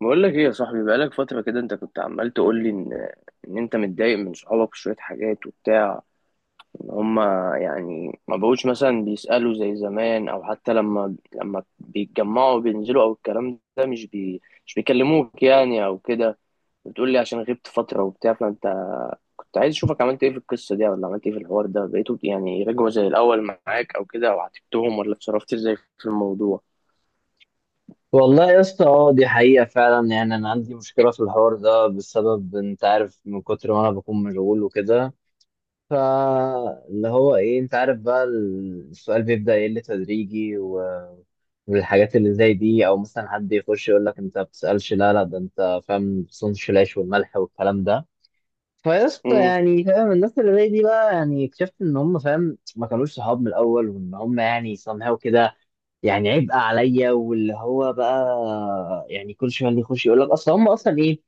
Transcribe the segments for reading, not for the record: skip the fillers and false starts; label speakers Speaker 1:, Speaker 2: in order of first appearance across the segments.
Speaker 1: بقول لك ايه يا صاحبي؟ بقالك فترة كده انت كنت عمال تقول لي ان انت متضايق من صحابك في شوية حاجات وبتاع، ان هما يعني ما بقوش مثلا بيسألوا زي زمان، او حتى لما بيتجمعوا بينزلوا، او الكلام ده مش بيكلموك يعني او كده. بتقول لي عشان غبت فترة وبتاع، فانت كنت عايز اشوفك عملت ايه في القصة دي، ولا عملت ايه في الحوار ده، بقيتوا يعني رجعوا زي الاول معاك او كده، او عاتبتهم، ولا اتصرفت ازاي في الموضوع؟
Speaker 2: والله يا اسطى، اه دي حقيقة فعلا. يعني أنا عندي مشكلة في الحوار ده بسبب، أنت عارف، من كتر ما أنا بكون مشغول وكده. فاللي هو إيه، أنت عارف، بقى السؤال بيبدأ يقل تدريجي والحاجات اللي زي دي، أو مثلا حد يخش يقول لك أنت ما بتسألش. لا لا، ده أنت فاهم بتصونش العيش والملح والكلام ده. فيا اسطى،
Speaker 1: امم.
Speaker 2: يعني فاهم الناس اللي زي دي بقى، يعني اكتشفت إن هم، فاهم، ما كانوش صحاب من الأول، وإن هم يعني somehow كده يعني عبء عليا. واللي هو بقى يعني كل شويه اللي يخش يقول لك اصل هم اصلا ايه.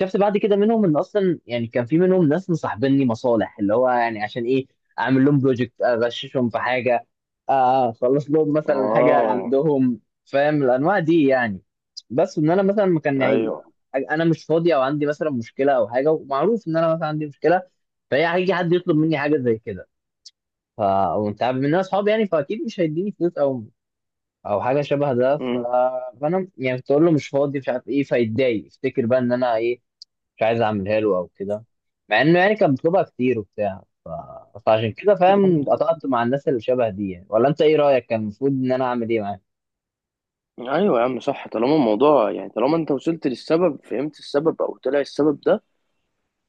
Speaker 2: شفت بعد كده منهم ان اصلا يعني كان في منهم ناس مصاحبيني مصالح، اللي هو يعني عشان ايه؟ اعمل لهم بروجكت، اغششهم في حاجه، اخلص لهم مثلا حاجه
Speaker 1: اه.
Speaker 2: عندهم، فاهم الانواع دي يعني. بس ان انا مثلا ما كان يعني
Speaker 1: ايوه.
Speaker 2: انا مش فاضي، او عندي مثلا مشكله او حاجه، ومعروف ان انا مثلا عندي مشكله. فهي هيجي حد يطلب مني حاجه زي كده ف وانت عارف ان انا اصحابي، يعني فاكيد مش هيديني فلوس او او حاجه شبه ده ف.
Speaker 1: إمم.
Speaker 2: فانا يعني كنت اقول له مش فاضي، مش عارف ايه، فيتضايق يفتكر بقى ان انا ايه، مش عايز اعملها له او كده. مع انه يعني كان بيطلبها كتير وبتاع ف. فعشان كده، فاهم، قطعت مع الناس اللي شبه دي يعني. ولا انت ايه رايك؟ كان المفروض ان انا اعمل ايه معاه؟
Speaker 1: ايوه يا عم، صح. طالما الموضوع يعني طالما انت وصلت للسبب، فهمت السبب او طلع السبب ده،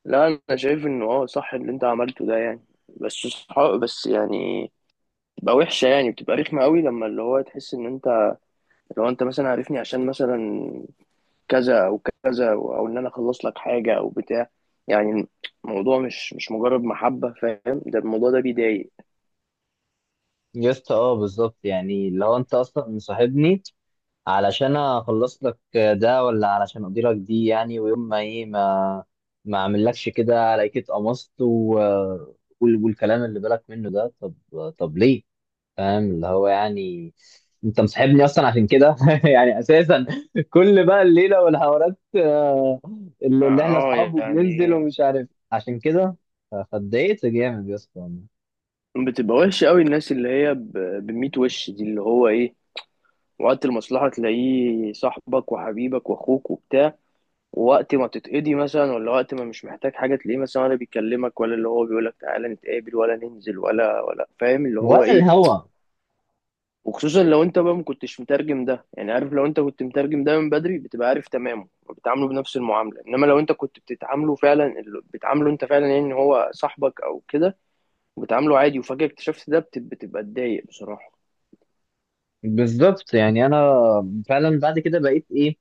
Speaker 1: لا انا شايف انه اه صح اللي انت عملته ده يعني. بس صح، بس يعني بتبقى وحشه، يعني بتبقى رخمه قوي لما اللي هو تحس ان انت، لو انت مثلا عارفني عشان مثلا كذا او كذا او أو ان انا اخلص لك حاجه او بتاع يعني. الموضوع مش مجرد محبه، فاهم؟ ده الموضوع ده بيضايق.
Speaker 2: يا اسطى اه بالظبط. يعني لو انت اصلا مصاحبني علشان اخلص لك ده، ولا علشان اقضي لك دي، يعني ويوم ما ايه، ما ما اعملكش كده، الاقيك اتقمصت و والكلام اللي بالك منه ده. طب طب ليه؟ فاهم اللي هو يعني انت مصاحبني اصلا عشان كده يعني اساسا. كل بقى الليله والحوارات
Speaker 1: اه.
Speaker 2: اللي احنا
Speaker 1: آه،
Speaker 2: اصحاب وبننزل
Speaker 1: يعني
Speaker 2: ومش عارف عشان كده فاتضايقت جامد يا اسطى والله.
Speaker 1: بتبقى وحشه قوي الناس اللي هي بميت وش دي اللي هو ايه، وقت المصلحة تلاقيه صاحبك وحبيبك واخوك وبتاع، ووقت ما تتقضي مثلا، ولا وقت ما مش محتاج حاجة تلاقيه مثلا ولا بيكلمك، ولا اللي هو بيقولك تعالى نتقابل ولا ننزل ولا فاهم اللي هو
Speaker 2: ولا
Speaker 1: ايه.
Speaker 2: الهوا.
Speaker 1: وخصوصا لو انت بقى ما كنتش مترجم ده، يعني عارف لو انت كنت مترجم ده من بدري بتبقى عارف تمامه وبتعامله بنفس المعاملة، انما لو انت كنت بتتعامله فعلا بتعامله انت فعلا يعني ان هو صاحبك او كده، وبتعامله عادي وفجأة اكتشفت ده، بتبقى تضايق بصراحة.
Speaker 2: بالظبط. يعني انا فعلا بعد كده بقيت ايه،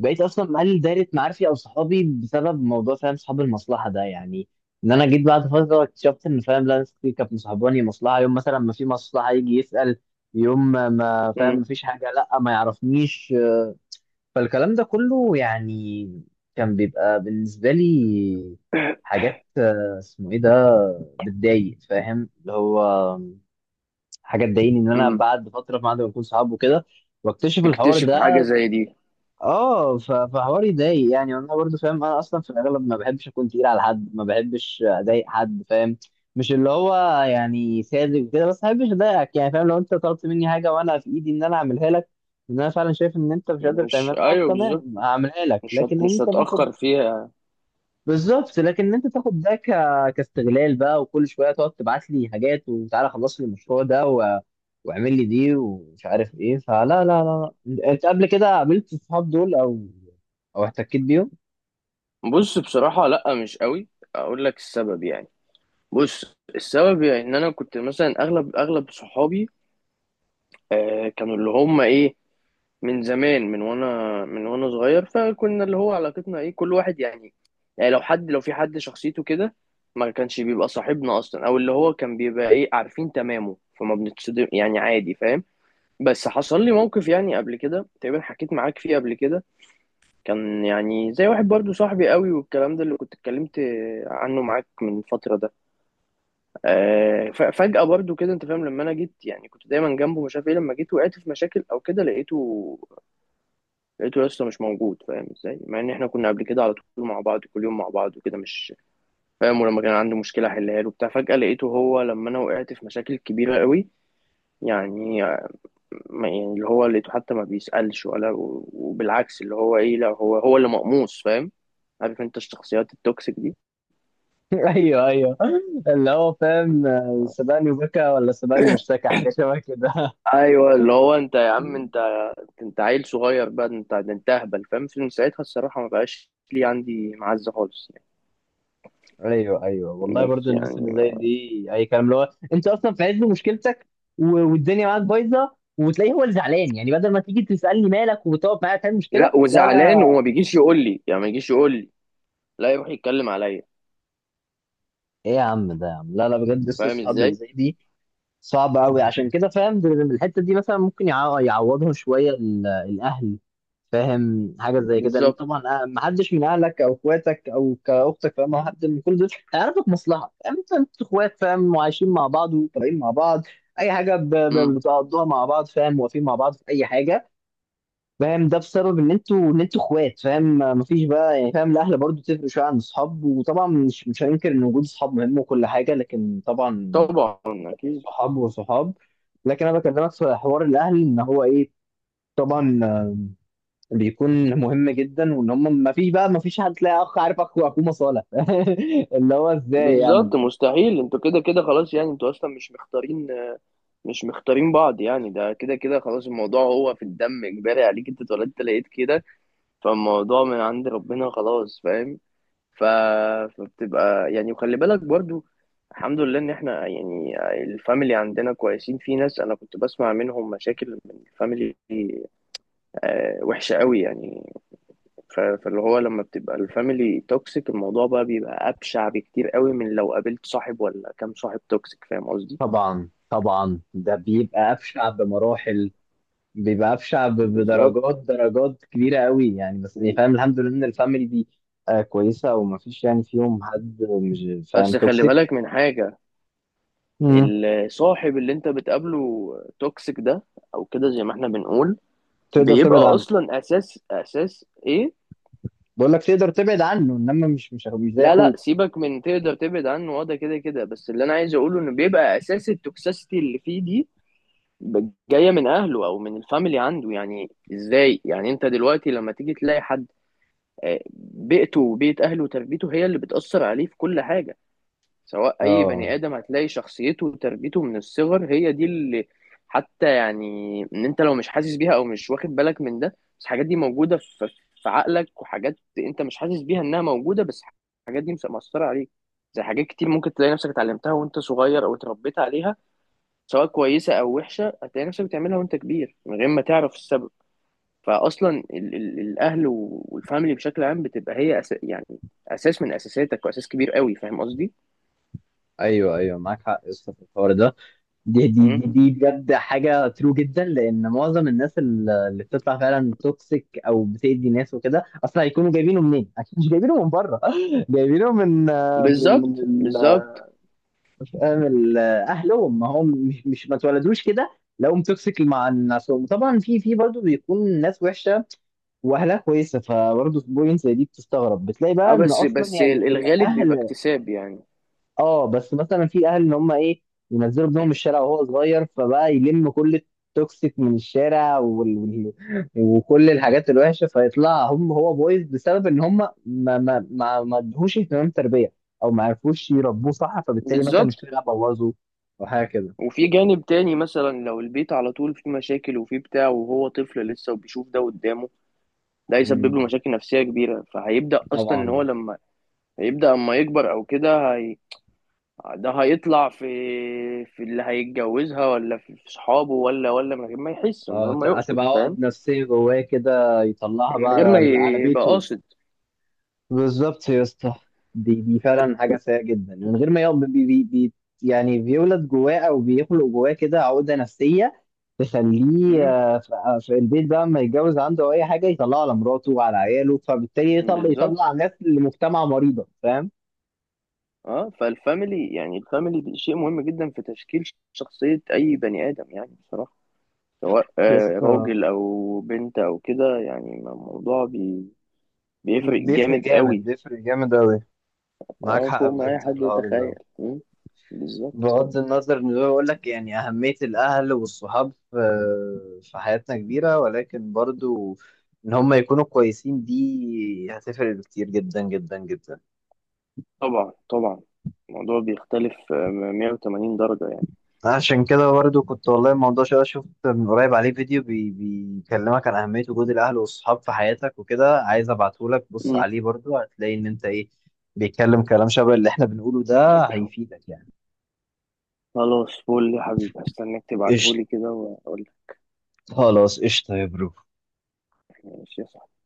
Speaker 2: بقيت اصلا مقلل دايره معارفي او صحابي بسبب موضوع، فاهم، صحاب المصلحه ده يعني. ان انا جيت بعد فتره اكتشفت ان، فاهم، لا، ناس كتير كانت مصاحباني مصلحه. يوم مثلا ما في مصلحه يجي يسال، يوم ما ما فاهم
Speaker 1: امم.
Speaker 2: ما فيش حاجه لا ما يعرفنيش. فالكلام ده كله يعني كان بيبقى بالنسبه لي حاجات اسمه ايه ده، بتضايق، فاهم اللي هو حاجه تضايقني ان انا
Speaker 1: امم.
Speaker 2: بعد فتره بعد ما نكون صحاب وكده واكتشف الحوار
Speaker 1: تكتشف حاجة
Speaker 2: ده.
Speaker 1: زي دي.
Speaker 2: اه فحوار يضايق يعني. انا برضو فاهم، انا اصلا في الاغلب ما بحبش اكون تقيل على حد، ما بحبش اضايق حد، فاهم، مش اللي هو يعني ساذج وكده، بس ما بحبش اضايقك يعني. فاهم، لو انت طلبت مني حاجه وانا في ايدي ان انا اعملها لك، ان انا فعلا شايف ان انت مش قادر
Speaker 1: مش
Speaker 2: تعملها،
Speaker 1: ايوه بالظبط،
Speaker 2: تمام، هعملها لك. لكن ان
Speaker 1: مش
Speaker 2: انت باخد
Speaker 1: هتأخر فيها يعني.
Speaker 2: بالظبط. لكن انت تاخد ده ك. كاستغلال بقى، وكل شويه تقعد تبعت لي حاجات وتعالى خلص لي المشروع ده و واعمل لي دي ومش عارف ايه، فلا لا لا لا. انت قبل كده قابلت الصحاب دول او او احتكيت بيهم؟
Speaker 1: بص بصراحة لأ مش قوي. أقول لك السبب يعني، بص السبب يعني إن أنا كنت مثلا أغلب صحابي آه كانوا اللي هم إيه، من زمان، من وأنا صغير، فكنا اللي هو علاقتنا إيه كل واحد يعني، يعني لو حد لو في حد شخصيته كده ما كانش بيبقى صاحبنا أصلا، أو اللي هو كان بيبقى إيه عارفين تمامه، فما بنتصدم يعني عادي، فاهم؟ بس حصل لي موقف يعني قبل كده تقريبا حكيت معاك فيه قبل كده، كان يعني زي واحد برضو صاحبي قوي، والكلام ده اللي كنت اتكلمت عنه معاك من فترة ده، فجأة برضو كده انت فاهم، لما انا جيت يعني كنت دايما جنبه مش عارف ايه، لما جيت وقعت في مشاكل او كده لقيته لسه مش موجود، فاهم ازاي؟ مع ان احنا كنا قبل كده على طول مع بعض، كل يوم مع بعض وكده، مش فاهم، ولما كان عنده مشكلة احلها له وبتاع، فجأة لقيته هو لما انا وقعت في مشاكل كبيرة قوي يعني، يعني اللي هو لقيته حتى ما بيسألش، ولا وبالعكس اللي هو ايه، لا هو اللي مقموص، فاهم؟ عارف انت الشخصيات التوكسيك دي.
Speaker 2: ايوه ايوه، اللي هو فاهم سبقني وبكى، ولا سبقني واشتكى، حاجه شبه كده.
Speaker 1: ايوه اللي هو انت يا عم انت، انت عيل صغير بقى، انت ده انت اهبل، فاهم؟ من ساعتها الصراحه ما بقاش لي عندي معزه خالص يعني.
Speaker 2: ايوه ايوه والله. برضو
Speaker 1: بس
Speaker 2: الناس اللي
Speaker 1: يعني.
Speaker 2: زي دي اي كلام. اللي هو انت اصلا في عز مشكلتك و- والدنيا معاك بايظه، وتلاقيه هو اللي زعلان. يعني بدل ما تيجي تسالني مالك وتقعد معايا، تعمل مشكله.
Speaker 1: لا
Speaker 2: لا
Speaker 1: وزعلان
Speaker 2: لا.
Speaker 1: وما بيجيش يقول لي، يعني ما يجيش يقول لي، لا يروح يتكلم عليا.
Speaker 2: ايه يا عم ده، يا عم لا لا، بجد لسه
Speaker 1: فاهم
Speaker 2: اصحاب اللي
Speaker 1: ازاي؟
Speaker 2: زي دي صعب قوي. عشان كده، فاهم، الحته دي مثلا ممكن يعوضهم شويه الاهل، فاهم حاجه زي كده. لان
Speaker 1: بالظبط.
Speaker 2: طبعا ما حدش من اهلك او اخواتك او كاختك، فاهم، او حد من كل دول هيعرفك مصلحه. فاهم، انت انت اخوات، فاهم، وعايشين مع بعض وطالعين مع بعض، اي حاجه
Speaker 1: امم.
Speaker 2: بتقضوها مع بعض، فاهم، واقفين مع بعض في اي حاجه، فاهم، ده بسبب ان انتوا، ان انتوا اخوات، فاهم. مفيش بقى يعني، فاهم، الاهل برضو تفرق شويه عن الاصحاب. وطبعا مش مش هننكر ان وجود اصحاب مهم وكل حاجه، لكن طبعا
Speaker 1: طبعا. اكيد.
Speaker 2: صحاب وصحاب. لكن انا بكلمك في حوار الاهل، ان هو ايه، طبعا بيكون مهم جدا. وان هم، ما فيش بقى، ما فيش حد تلاقي اخ، عارف، اخو اخوه مصالح اللي هو ازاي يعني.
Speaker 1: بالظبط مستحيل، انتوا كده كده خلاص يعني، انتوا اصلا مش مختارين، مش مختارين بعض يعني، ده كده كده خلاص، الموضوع هو في الدم، اجباري عليك، انت اتولدت لقيت كده، فالموضوع من عند ربنا خلاص، فاهم؟ ف... فبتبقى يعني، وخلي بالك برضو، الحمد لله ان احنا يعني الفاميلي عندنا كويسين، في ناس انا كنت بسمع منهم مشاكل من الفاميلي وحشة قوي يعني، فاللي هو لما بتبقى الفاميلي توكسيك الموضوع بقى بيبقى ابشع بكتير قوي من لو قابلت صاحب ولا كام صاحب توكسيك، فاهم قصدي؟
Speaker 2: طبعا طبعا، ده بيبقى افشع بمراحل. بيبقى افشع بدرجات،
Speaker 1: بالظبط.
Speaker 2: درجات كبيره قوي يعني. بس إيه، فاهم الحمد لله ان الفاميلي دي آه كويسه، وما فيش يعني فيهم حد مش فاهم
Speaker 1: بس خلي
Speaker 2: توكسيك.
Speaker 1: بالك من حاجة،
Speaker 2: مم.
Speaker 1: الصاحب اللي انت بتقابله توكسيك ده او كده زي ما احنا بنقول،
Speaker 2: تقدر
Speaker 1: بيبقى
Speaker 2: تبعد عنه.
Speaker 1: اصلا اساس ايه،
Speaker 2: بقول لك تقدر تبعد عنه، انما مش مش مش زي
Speaker 1: لا لا
Speaker 2: اخوك.
Speaker 1: سيبك من تقدر تبعد عنه، وده كده كده، بس اللي انا عايز اقوله انه بيبقى اساس التوكسيسيتي اللي فيه دي جايه من اهله او من الفاميلي عنده يعني، ازاي يعني انت دلوقتي لما تيجي تلاقي حد آه، بيئته وبيئه اهله وتربيته هي اللي بتاثر عليه في كل حاجه، سواء اي
Speaker 2: اه،
Speaker 1: بني ادم هتلاقي شخصيته وتربيته من الصغر هي دي اللي، حتى يعني ان انت لو مش حاسس بيها او مش واخد بالك من ده، بس الحاجات دي موجوده في عقلك، وحاجات انت مش حاسس بيها انها موجوده، بس الحاجات دي مأثره عليك، زي حاجات كتير ممكن تلاقي نفسك اتعلمتها وانت صغير او اتربيت عليها، سواء كويسه او وحشه هتلاقي نفسك بتعملها وانت كبير من غير ما تعرف السبب. فاصلا ال الاهل والفاميلي بشكل عام بتبقى هي أس يعني اساس من اساساتك، واساس كبير قوي، فاهم قصدي؟
Speaker 2: ايوه ايوه، معاك حق يا اسطى في الحوار ده. دي دي دي دي بجد حاجه ترو جدا، لان معظم الناس اللي بتطلع فعلا توكسيك او بتأذي ناس وكده، اصلا هيكونوا جايبينه منين؟ اكيد مش جايبينه من بره. جايبينه من من من
Speaker 1: بالظبط بالظبط.
Speaker 2: فاهم اهلهم. ما هم مش مش ما اتولدوش كده لقوهم توكسيك مع الناس. طبعا في في برضه بيكون ناس وحشه واهلها كويسه، فبرضه في بوينت زي دي بتستغرب، بتلاقي بقى
Speaker 1: اه
Speaker 2: ان
Speaker 1: بس
Speaker 2: اصلا
Speaker 1: بس
Speaker 2: يعني
Speaker 1: الغالب بيبقى
Speaker 2: الاهل.
Speaker 1: اكتساب يعني.
Speaker 2: اه بس مثلا في اهل ان هم ايه، ينزلوا ابنهم الشارع وهو صغير، فبقى يلم كل التوكسيك من الشارع وال... وال... وكل الحاجات الوحشه، فيطلع هم هو بويز بسبب ان هم ما ادوهوش اهتمام تربيه، او ما عرفوش يربوه صح، فبالتالي مثلا
Speaker 1: بالظبط.
Speaker 2: الشارع بوظه او حاجه كده.
Speaker 1: وفي جانب تاني مثلا لو البيت على طول فيه مشاكل وفيه بتاع وهو طفل لسه وبيشوف ده قدامه، ده هيسبب له
Speaker 2: امم.
Speaker 1: مشاكل نفسية كبيرة، فهيبدأ أصلا إن هو
Speaker 2: طبعا.
Speaker 1: لما، هيبدأ أما يكبر أو كده ده هيطلع في اللي هيتجوزها، ولا في صحابه، ولا من غير ما يحس، من غير
Speaker 2: اه
Speaker 1: ما
Speaker 2: هتبقى
Speaker 1: يقصد،
Speaker 2: عقد
Speaker 1: فاهم؟
Speaker 2: نفسيه جواه كده، يطلعها
Speaker 1: من
Speaker 2: بقى
Speaker 1: غير ما
Speaker 2: على على
Speaker 1: يبقى
Speaker 2: بيته.
Speaker 1: قاصد.
Speaker 2: بالظبط يا اسطى. دي دي فعلا حاجه سيئه جدا، من غير ما يقعد بي بي بي يعني بيولد جواه او بيخلق جواه كده عقده نفسيه تخليه
Speaker 1: مم،
Speaker 2: في البيت بقى لما يتجوز، عنده او اي حاجه يطلعه على مراته وعلى عياله، فبالتالي يطلع
Speaker 1: بالظبط.
Speaker 2: يطلع ناس لمجتمع مريضه، فاهم.
Speaker 1: اه فالفاميلي يعني الفاميلي دي شيء مهم جدا في تشكيل شخصية أي بني آدم يعني بصراحة، سواء
Speaker 2: يا اسطى،
Speaker 1: راجل أو بنت أو كده يعني، الموضوع بيفرق
Speaker 2: بيفرق
Speaker 1: جامد
Speaker 2: جامد،
Speaker 1: قوي.
Speaker 2: بيفرق جامد قوي. معاك
Speaker 1: اه
Speaker 2: حق
Speaker 1: فوق ما أي
Speaker 2: بجد في
Speaker 1: حد
Speaker 2: الحوار ده.
Speaker 1: يتخيل، مم، بالظبط.
Speaker 2: بغض النظر ان هو يقول لك يعني اهميه الاهل والصحاب في في حياتنا كبيره، ولكن برضو ان هم يكونوا كويسين دي هتفرق كتير جدا جدا جدا.
Speaker 1: طبعا طبعا الموضوع بيختلف 180 درجة يعني.
Speaker 2: عشان كده برضو كنت، والله الموضوع شويه، شفت من قريب عليه فيديو بيكلمك عن اهميه وجود الاهل والصحاب في حياتك وكده، عايز ابعته لك. بص
Speaker 1: مم.
Speaker 2: عليه برضو، هتلاقي ان انت ايه، بيتكلم كلام شبه اللي احنا بنقوله ده، هيفيدك يعني.
Speaker 1: خلاص فول يا حبيبي، هستناك
Speaker 2: قشطة.
Speaker 1: تبعتهولي كده وأقول لك.
Speaker 2: خلاص قشطة يا برو.
Speaker 1: ماشي يا صاحبي.